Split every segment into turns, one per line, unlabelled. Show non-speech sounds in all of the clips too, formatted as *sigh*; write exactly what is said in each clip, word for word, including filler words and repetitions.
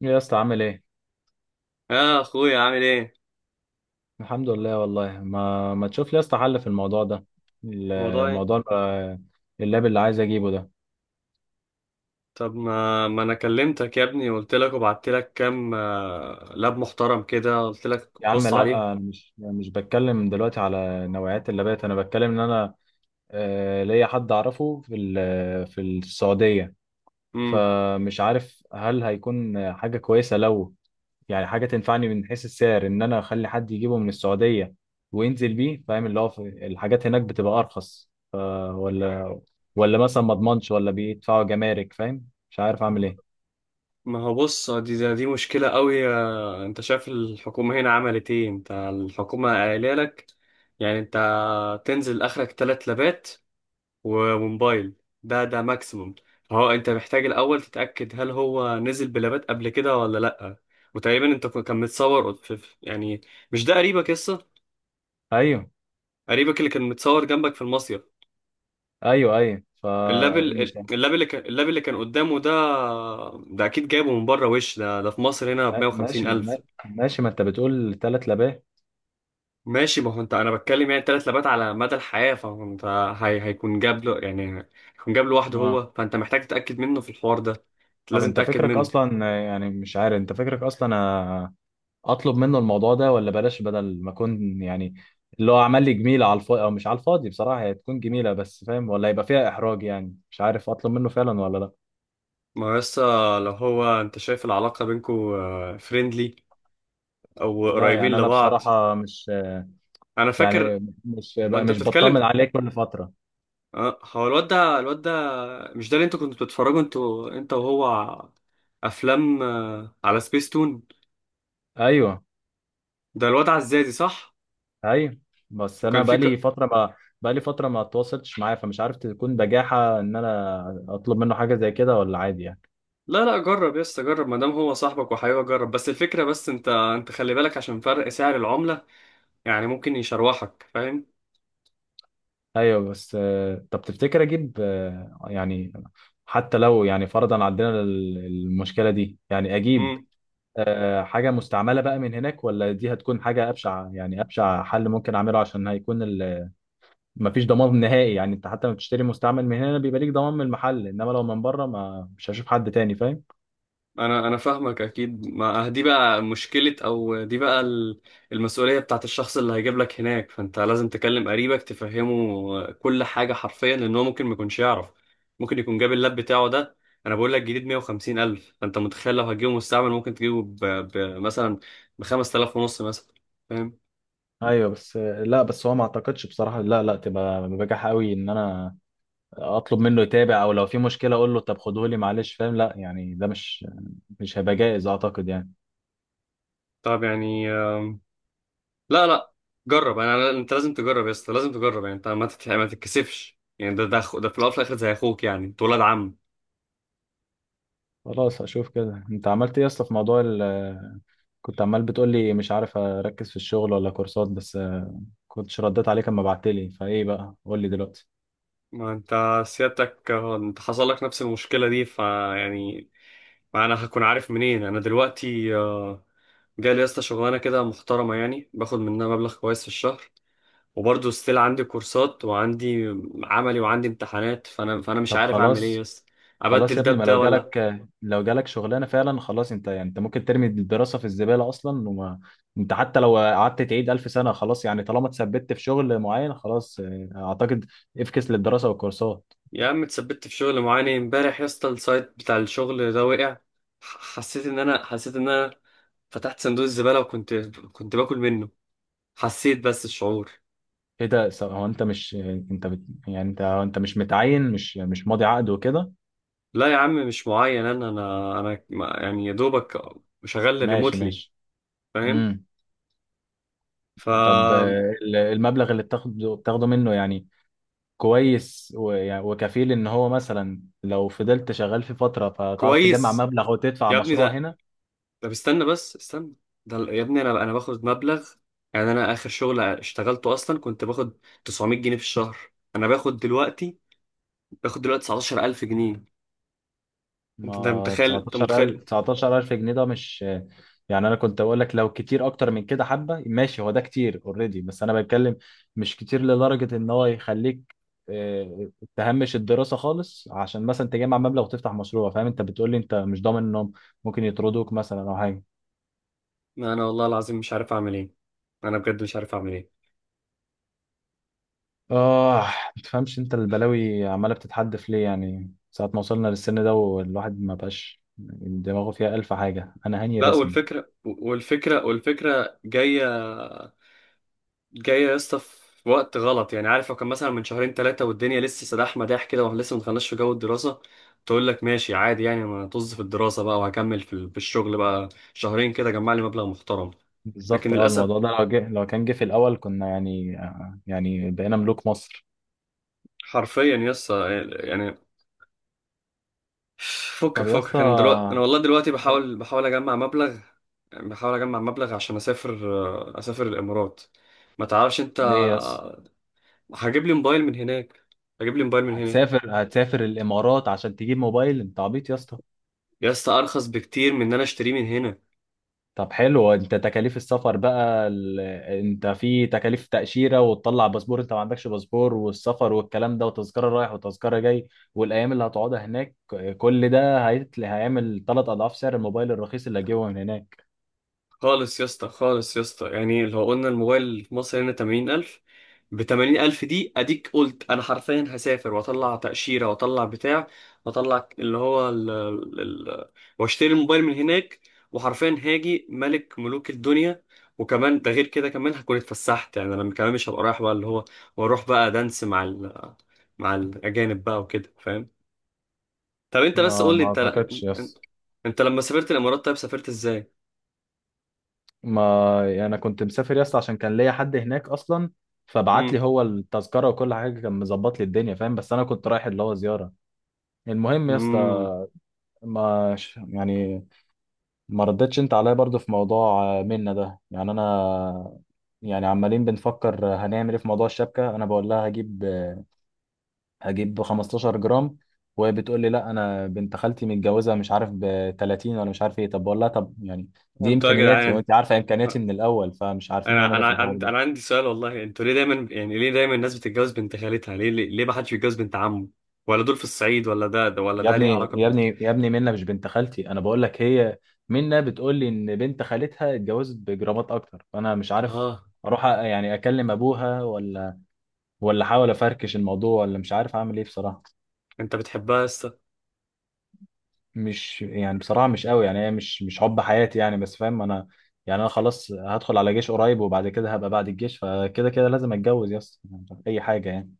يا اسطى عامل ايه؟
يا اخويا عامل ايه.
الحمد لله. والله ما ما تشوف لي يا اسطى حل في الموضوع ده.
الموضوع ايه؟
الموضوع بقى- اللاب اللي عايز اجيبه ده.
طب ما ما انا كلمتك يا ابني وقلت لك وبعت لك كام، آه، لاب محترم كده، قلت لك
يا عم
بص
لا،
عليهم.
انا مش مش بتكلم دلوقتي على نوعيات اللابات، انا بتكلم ان انا آه، ليا حد اعرفه في ال- في السعودية،
امم
فمش عارف هل هيكون حاجة كويسة، لو يعني حاجة تنفعني من حيث السعر، ان انا اخلي حد يجيبه من السعودية وينزل بيه، فاهم؟ اللي هو في- الحاجات هناك بتبقى ارخص، آه، ولا ولا مثلا ما اضمنش، ولا بيدفعوا جمارك، فاهم؟ مش عارف اعمل ايه.
ما هو بص، دي دي دي مشكلة قوي. آه، انت شايف الحكومة هنا عملت ايه؟ انت الحكومة قايله لك يعني انت تنزل اخرك تلات لابات و- وموبايل، ده ده ماكسيموم. هو انت محتاج الاول تتأكد هل هو نزل بلابات قبل كده ولا لا، وتقريبا انت كان متصور في في- يعني، مش ده قريبك قصة؟
ايوه،
قريبك اللي كان متصور جنبك في المصيف،
ايوه، ايوه،
اللاب
فمش،
ال- اللاب اللي كان اللاب اللي كان قدامه ده، ده اكيد جايبه من بره. وش ده ده في مصر هنا ب
ماشي،
مية وخمسين ألف الف.
ماشي. ما انت بتقول ثلاث لباه.
ماشي، ما هو انت انا بتكلم يعني تلات لابات على مدى الحياه، فانت هي هيكون جاب له، يعني هيكون جاب لوحده
اه،
هو، فانت محتاج تتاكد منه في الحوار ده،
طب
لازم
انت
تتاكد
فكرك
منه.
اصلا، يعني مش عارف، انت فكرك اصلا آه، اطلب منه الموضوع ده، ولا بلاش، بدل ما اكون يعني اللي هو عمل لي جميله على الفاضي، او مش على الفاضي بصراحه هي تكون جميله، بس فاهم؟ ولا يبقى فيها احراج، يعني مش عارف اطلب منه فعلا ولا لا.
ما هو لسه، لو هو انت شايف العلاقه بينكو فريندلي او
لا،
قريبين
يعني انا
لبعض،
بصراحه مش،
انا
يعني
فاكر،
مش
هو انت
مش
بتتكلم،
بطمن عليه كل فتره.
اه، هو الواد ده، الواد ده مش ده اللي انتوا كنتوا بتتفرجوا انتوا انت وهو ع- افلام آه، على سبيس تون؟
ايوه،
ده الواد عزازي صح؟
ايوه، بس انا
وكان في
بقالي
ك...
فتره ما بقالي فتره ما اتواصلتش معاه، فمش عارف تكون بجاحه ان انا اطلب منه حاجه زي كده، ولا عادي يعني؟
لا لا جرب يا اسطى، جرب، ما دام هو صاحبك وحبيبك جرب، بس الفكره، بس انت انت خلي بالك عشان فرق سعر العمله، يعني ممكن يشروحك، فاهم؟
ايوه، بس آه، طب تفتكر اجيب آه، يعني حتى لو يعني فرضا عندنا ال- المشكله دي، يعني اجيب
امم
آه، حاجه مستعمله بقى من هناك، ولا دي هتكون حاجه ابشع، يعني ابشع حل ممكن اعمله؟ عشان هيكون ال- مفيش ضمان نهائي، يعني انت حتى لما بتشتري مستعمل من هنا بيبقى ليك ضمان من المحل، انما لو من بره ما مش هشوف حد تاني، فاهم؟
انا انا فاهمك اكيد، ما أه، دي بقى مشكلة، او دي بقى ال- المسؤولية بتاعت الشخص اللي هيجيب لك هناك، فانت لازم تكلم قريبك تفهمه كل حاجة حرفيا، لان هو ممكن ما يكونش يعرف، ممكن يكون جاب اللاب بتاعه ده، انا بقول لك جديد مائة وخمسين ألف الف، فانت متخيل لو هتجيبه مستعمل ممكن تجيبه ب... ب... مثلا ب خمسة آلاف ونص مثلا، فاهم؟
ايوه، بس لا، بس هو ما اعتقدش بصراحه، لا، لا تبقى بجاح قوي ان انا اطلب منه يتابع، او لو في مشكله اقول له طب خدهولي، معلش فاهم؟ لا يعني ده مش مش هيبقى جائز اعتقد يعني.
طب يعني، آم، لا لا جرب، انا أنا- انت لازم تجرب يا اسطى، لازم تجرب، يعني انت ما تت... ما تتكسفش، يعني ده ده أخو- ده في الاول وفي الاخر زي اخوك، يعني انت ولاد عم.
خلاص، هشوف كده. انت عملت ايه اصلا في موضوع ال *laughs* كنت عمال بتقول لي مش عارف اركز في الشغل ولا كورسات، بس كنتش رديت عليك اما بعت لي، فايه بقى؟ قول لي دلوقتي.
ما انت سيادتك، اه، انت حصل لك نفس المشكلة دي، فيعني ما انا هكون عارف منين انا دلوقتي؟ اه، جالي يا اسطى شغلانة كده محترمة، يعني باخد منها مبلغ كويس في الشهر، وبرضه ستيل عندي كورسات، وعندي عملي، وعندي امتحانات، فانا فانا مش
طب
عارف اعمل ايه يا
خلاص،
اسطى،
خلاص
ابدل
يا
ده
ابني، ما
بده
لو
ولا؟
جالك، لو جالك شغلانه فعلا خلاص، انت يعني انت ممكن ترمي الدراسه في الزباله اصلا، وما انت حتى لو قعدت تعيد الف سنه خلاص، يعني طالما اتثبت في شغل معين خلاص، اه اعتقد افكس للدراسه والكورسات.
يا عم اتثبت في شغل معاني، امبارح يا اسطى السايت بتاع الشغل ده وقع، ح- حسيت ان انا حسيت ان انا فتحت صندوق الزبالة، وكنت كنت باكل منه، حسيت بس الشعور.
ايه ده س- هو انت مش، انت بت، يعني انت، هو انت مش متعين، مش مش ماضي عقد وكده؟
لا يا عم مش معين، انا انا انا ما- يعني يا دوبك شغال
ماشي،
ريموتلي،
ماشي.
فاهم؟
امم. طب اه، ال- المبلغ اللي بتاخده، بتاخده منه يعني كويس و- يعني وكفيل ان هو مثلا لو فضلت شغال في فتره، فتعرف تجمع
فكويس
مبلغ وتدفع
يا ابني
مشروع
ده،
هنا؟
طب استنى بس استنى، ده ال- يا ابني انا انا باخد مبلغ، يعني انا اخر شغل اشتغلته اصلا كنت باخد تسعمائة جنيه في الشهر، انا باخد دلوقتي، باخد دلوقتي تسعة عشر ألف جنيه. انت انت
ما
متخيل؟ انت متخيل؟
تسعتاشر الف، تسعتاشر الف جنيه ده مش، يعني انا كنت اقول لك لو كتير اكتر من كده حبه ماشي، هو ده كتير اوريدي، بس انا بتكلم مش كتير لدرجه ان هو يخليك آه، تهمش الدراسه خالص عشان مثلا تجمع مبلغ وتفتح مشروع، فاهم؟ انت بتقول لي انت مش ضامن انهم ممكن يطردوك مثلا او حاجه.
ما انا والله العظيم مش عارف اعمل ايه، انا بجد مش عارف اعمل ايه.
اه. ما تفهمش انت البلاوي عماله بتتحدف ليه، يعني ساعه ما وصلنا للسن ده والواحد ما بقاش دماغه فيها الف حاجه، انا هاني
لا،
رسمي.
والفكره والفكره والفكره جايه، جاية يا اسطى في وقت غلط، يعني عارف لو كان مثلا من شهرين ثلاثة والدنيا لسه سداح مداح كده، واحنا لسه ما دخلناش في جو الدراسة، تقول لك ماشي عادي، يعني انا طز في الدراسة بقى، وهكمل في ال- في الشغل بقى شهرين كده، جمع لي مبلغ محترم. لكن
بالظبط، اه.
للأسف
الموضوع ده لو جه، لو كان جه في الاول، كنا يعني آه، يعني بقينا ملوك مصر.
حرفيا يا اسطى، يعني فكك
طب يا اسطى،
فكك انا دلوقتي، انا والله دلوقتي
مش عارف.
بحاول بحاول اجمع مبلغ، بحاول اجمع مبلغ عشان اسافر، اسافر الامارات، ما تعرفش انت،
ليه يا اسطى؟
هجيب لي موبايل من هناك، هجيب لي موبايل من هناك
هتسافر، هتسافر الامارات عشان تجيب موبايل؟ انت عبيط يا اسطى.
يا اسطى، ارخص بكتير من ان انا اشتريه من هنا.
طب حلو، انت تكاليف السفر بقى ال، انت في تكاليف تأشيرة وتطلع باسبور، انت ما عندكش باسبور، والسفر والكلام ده، وتذكرة رايح وتذكرة جاي، والايام اللي هتقعدها هناك، كل ده هيتل، هيعمل ثلاث اضعاف سعر الموبايل الرخيص اللي هجيبه من هناك.
خالص يا اسطى، خالص يا اسطى، يعني لو قلنا الموبايل في مصر هنا تمانين ألف، ب تمانين ألف دي أديك، قلت أنا حرفيا هسافر وأطلع تأشيرة، وأطلع بتاع، وأطلع اللي هو ال ال ال وأشتري الموبايل من هناك، وحرفيا هاجي ملك ملوك الدنيا، وكمان ده غير كده كمان هكون اتفسحت، يعني أنا كمان مش هبقى رايح بقى اللي هو، وأروح بقى دانس مع ال مع الأجانب بقى وكده، فاهم؟ طب أنت بس
ما
قول لي،
ما
أنت
اعتقدش يا
أنت
اسطى.
أنت لما سافرت الإمارات طيب سافرت إزاي؟
ما يعني انا كنت مسافر يا اسطى عشان كان ليا حد هناك اصلا، فبعت لي هو التذكره وكل حاجه، كان مظبط لي الدنيا، فاهم؟ بس انا كنت رايح اللي هو زياره. المهم يا اسطى،
امم
ما ش- يعني ما ردتش انت عليا برضو في موضوع آه، منة ده، يعني انا، يعني عمالين بنفكر آه، هنعمل ايه في موضوع الشبكه. انا بقول لها هجيب آه، هجيب 15 جرام، وهي بتقول لي لا، انا بنت خالتي متجوزه مش عارف ب تلاتين، ولا مش عارف ايه. طب بقول لها طب، يعني دي
انتوا يا
امكانياتي،
جدعان،
وانت عارفه امكانياتي من الاول، فمش عارفين
انا
نعمل ايه
انا
في الحوار
عندي
ده.
انا عندي سؤال والله، انتوا ليه دايما، يعني ليه دايما الناس بتتجوز بنت خالتها؟ ليه، ليه، ليه ما حدش بيتجوز بنت عمه؟ ولا دول في الصعيد، ولا ده، ده ولا
يا
ده ليه
ابني،
علاقة
يا
ب...
ابني، يا ابني، منة مش بنت خالتي، انا بقول لك، هي منة بتقول لي ان بنت خالتها اتجوزت بجرامات اكتر، فانا مش عارف
اه،
اروح أ- يعني اكلم ابوها، ولا ولا احاول افركش الموضوع، ولا مش عارف اعمل ايه بصراحة.
انت بتحبها يا اسطى؟
مش يعني بصراحة مش قوي، يعني هي مش مش حب حياتي يعني، بس فاهم؟ انا يعني انا خلاص هدخل على جيش قريب، وبعد كده هبقى بعد الجيش، فكده كده لازم اتجوز يا اسطى اي حاجة يعني.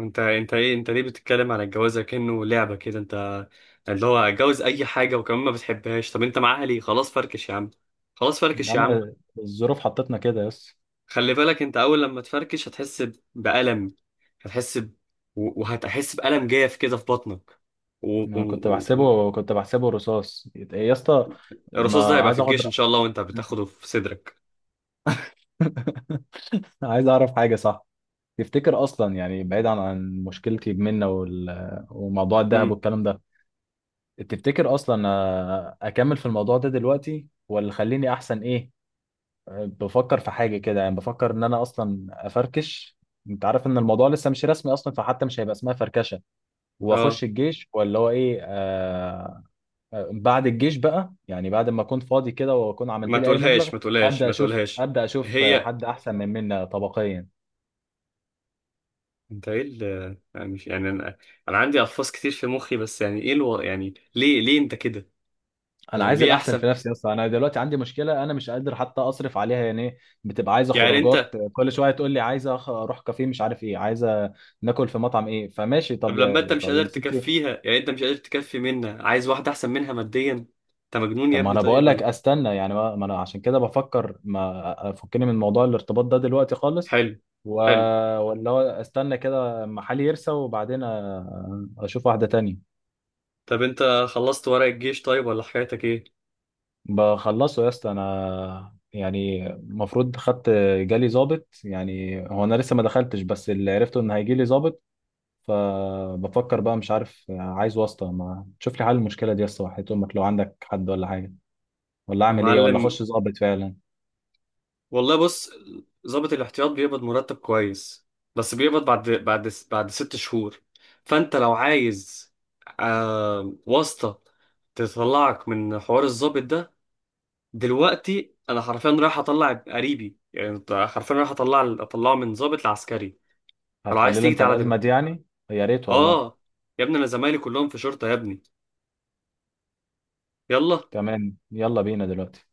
انت انت ايه، انت ليه بتتكلم على الجواز كأنه لعبة كده؟ انت اللي هو اتجوز اي حاجة وكمان ما بتحبهاش، طب انت معاها ليه؟ خلاص فركش يا عم، خلاص
يا
فركش يا
عم
عم.
الظروف حطتنا كده يا اسطى.
خلي بالك، انت اول لما تفركش هتحس ب- بألم، هتحس ب... و- وهتحس بألم جاف كده في بطنك.
انا كنت بحسبه، كنت بحسبه رصاص يت- إيه يا اسطى؟
الرصاص ده
ما
هيبقى في
عايز اقعد.
الجيش ان شاء الله، وانت بتاخده في صدرك.
*laughs* عايز اعرف حاجه، صح؟ تفتكر اصلا، يعني بعيد عن عن مشكلتي بمنة وال، وموضوع الذهب
امم
والكلام ده، تفتكر اصلا آه، اكمل في الموضوع ده دلوقتي، ولا خليني احسن؟ ايه آه، بفكر في حاجه كده، يعني بفكر ان انا اصلا افركش. انت عارف ان الموضوع لسه مش رسمي اصلا، فحتى مش هيبقى اسمها فركشه،
اه
واخش الجيش، ولا هو ايه آه، بعد الجيش بقى، يعني بعد ما اكون فاضي كده واكون عملت
ما
لي اي مبلغ،
تقولهاش، ما تقولهاش،
ابدا
ما
اشوف،
تقولهاش.
ابدا اشوف
هي
حد احسن من منا طبقيا.
انت ايه ال... يعني مش يعني، انا انا عندي الفاظ كتير في مخي، بس يعني ايه الو... يعني ليه، ليه انت كده؟
انا
يعني
عايز
ليه
الاحسن
احسن؟
في نفسي اصلا، انا دلوقتي عندي مشكله انا مش قادر حتى اصرف عليها، يعني إيه، بتبقى عايزه
يعني انت،
خروجات كل شويه، تقول لي عايزه أخ- اروح كافيه، مش عارف ايه، عايزه ناكل في مطعم، ايه فماشي،
طب
طب
لما انت
يا،
مش
طب
قادر
يا ستي.
تكفيها، يعني انت مش قادر تكفي منها، عايز واحده احسن منها ماديا؟ انت مجنون يا
طب ما
ابني،
انا
طيب
بقول لك
ولا-
استنى، يعني ما ما انا عشان كده بفكر ما افكني من موضوع الارتباط ده دلوقتي خالص.
حلو،
و،
حلو.
ولا هو استنى كده اما حالي يرسى، وبعدين أ- اشوف واحدة تانية.
طب انت خلصت ورق الجيش طيب ولا حكايتك ايه؟
بخلصه يا اسطى انا، يعني المفروض خدت، جالي ظابط، يعني هو انا لسه ما دخلتش، بس اللي عرفته ان هيجي لي ظابط، فبفكر بقى مش عارف، عايز واسطة ما تشوف لي حل المشكلة دي يا اسطى، وحياة امك لو عندك حد ولا حاجة، ولا
يا
اعمل ايه، ولا
معلم
اخش ظابط فعلا؟
والله بص، ضابط الاحتياط بيقبض مرتب كويس، بس بيقبض بعد بعد بعد ست شهور، فانت لو عايز آه واسطة تطلعك من حوار الضابط ده، دلوقتي انا حرفيا رايح اطلع قريبي، يعني أنت حرفيا رايح اطلع اطلعه من ضابط لعسكري، فلو
هتحل
عايز
له
تيجي
انت
تعالى
الازمه
دلوقتي.
دي يعني؟ يا ريت والله.
اه يا ابني، انا زمايلي كلهم في شرطة يا ابني، يلا.
تمام، يلا بينا دلوقتي.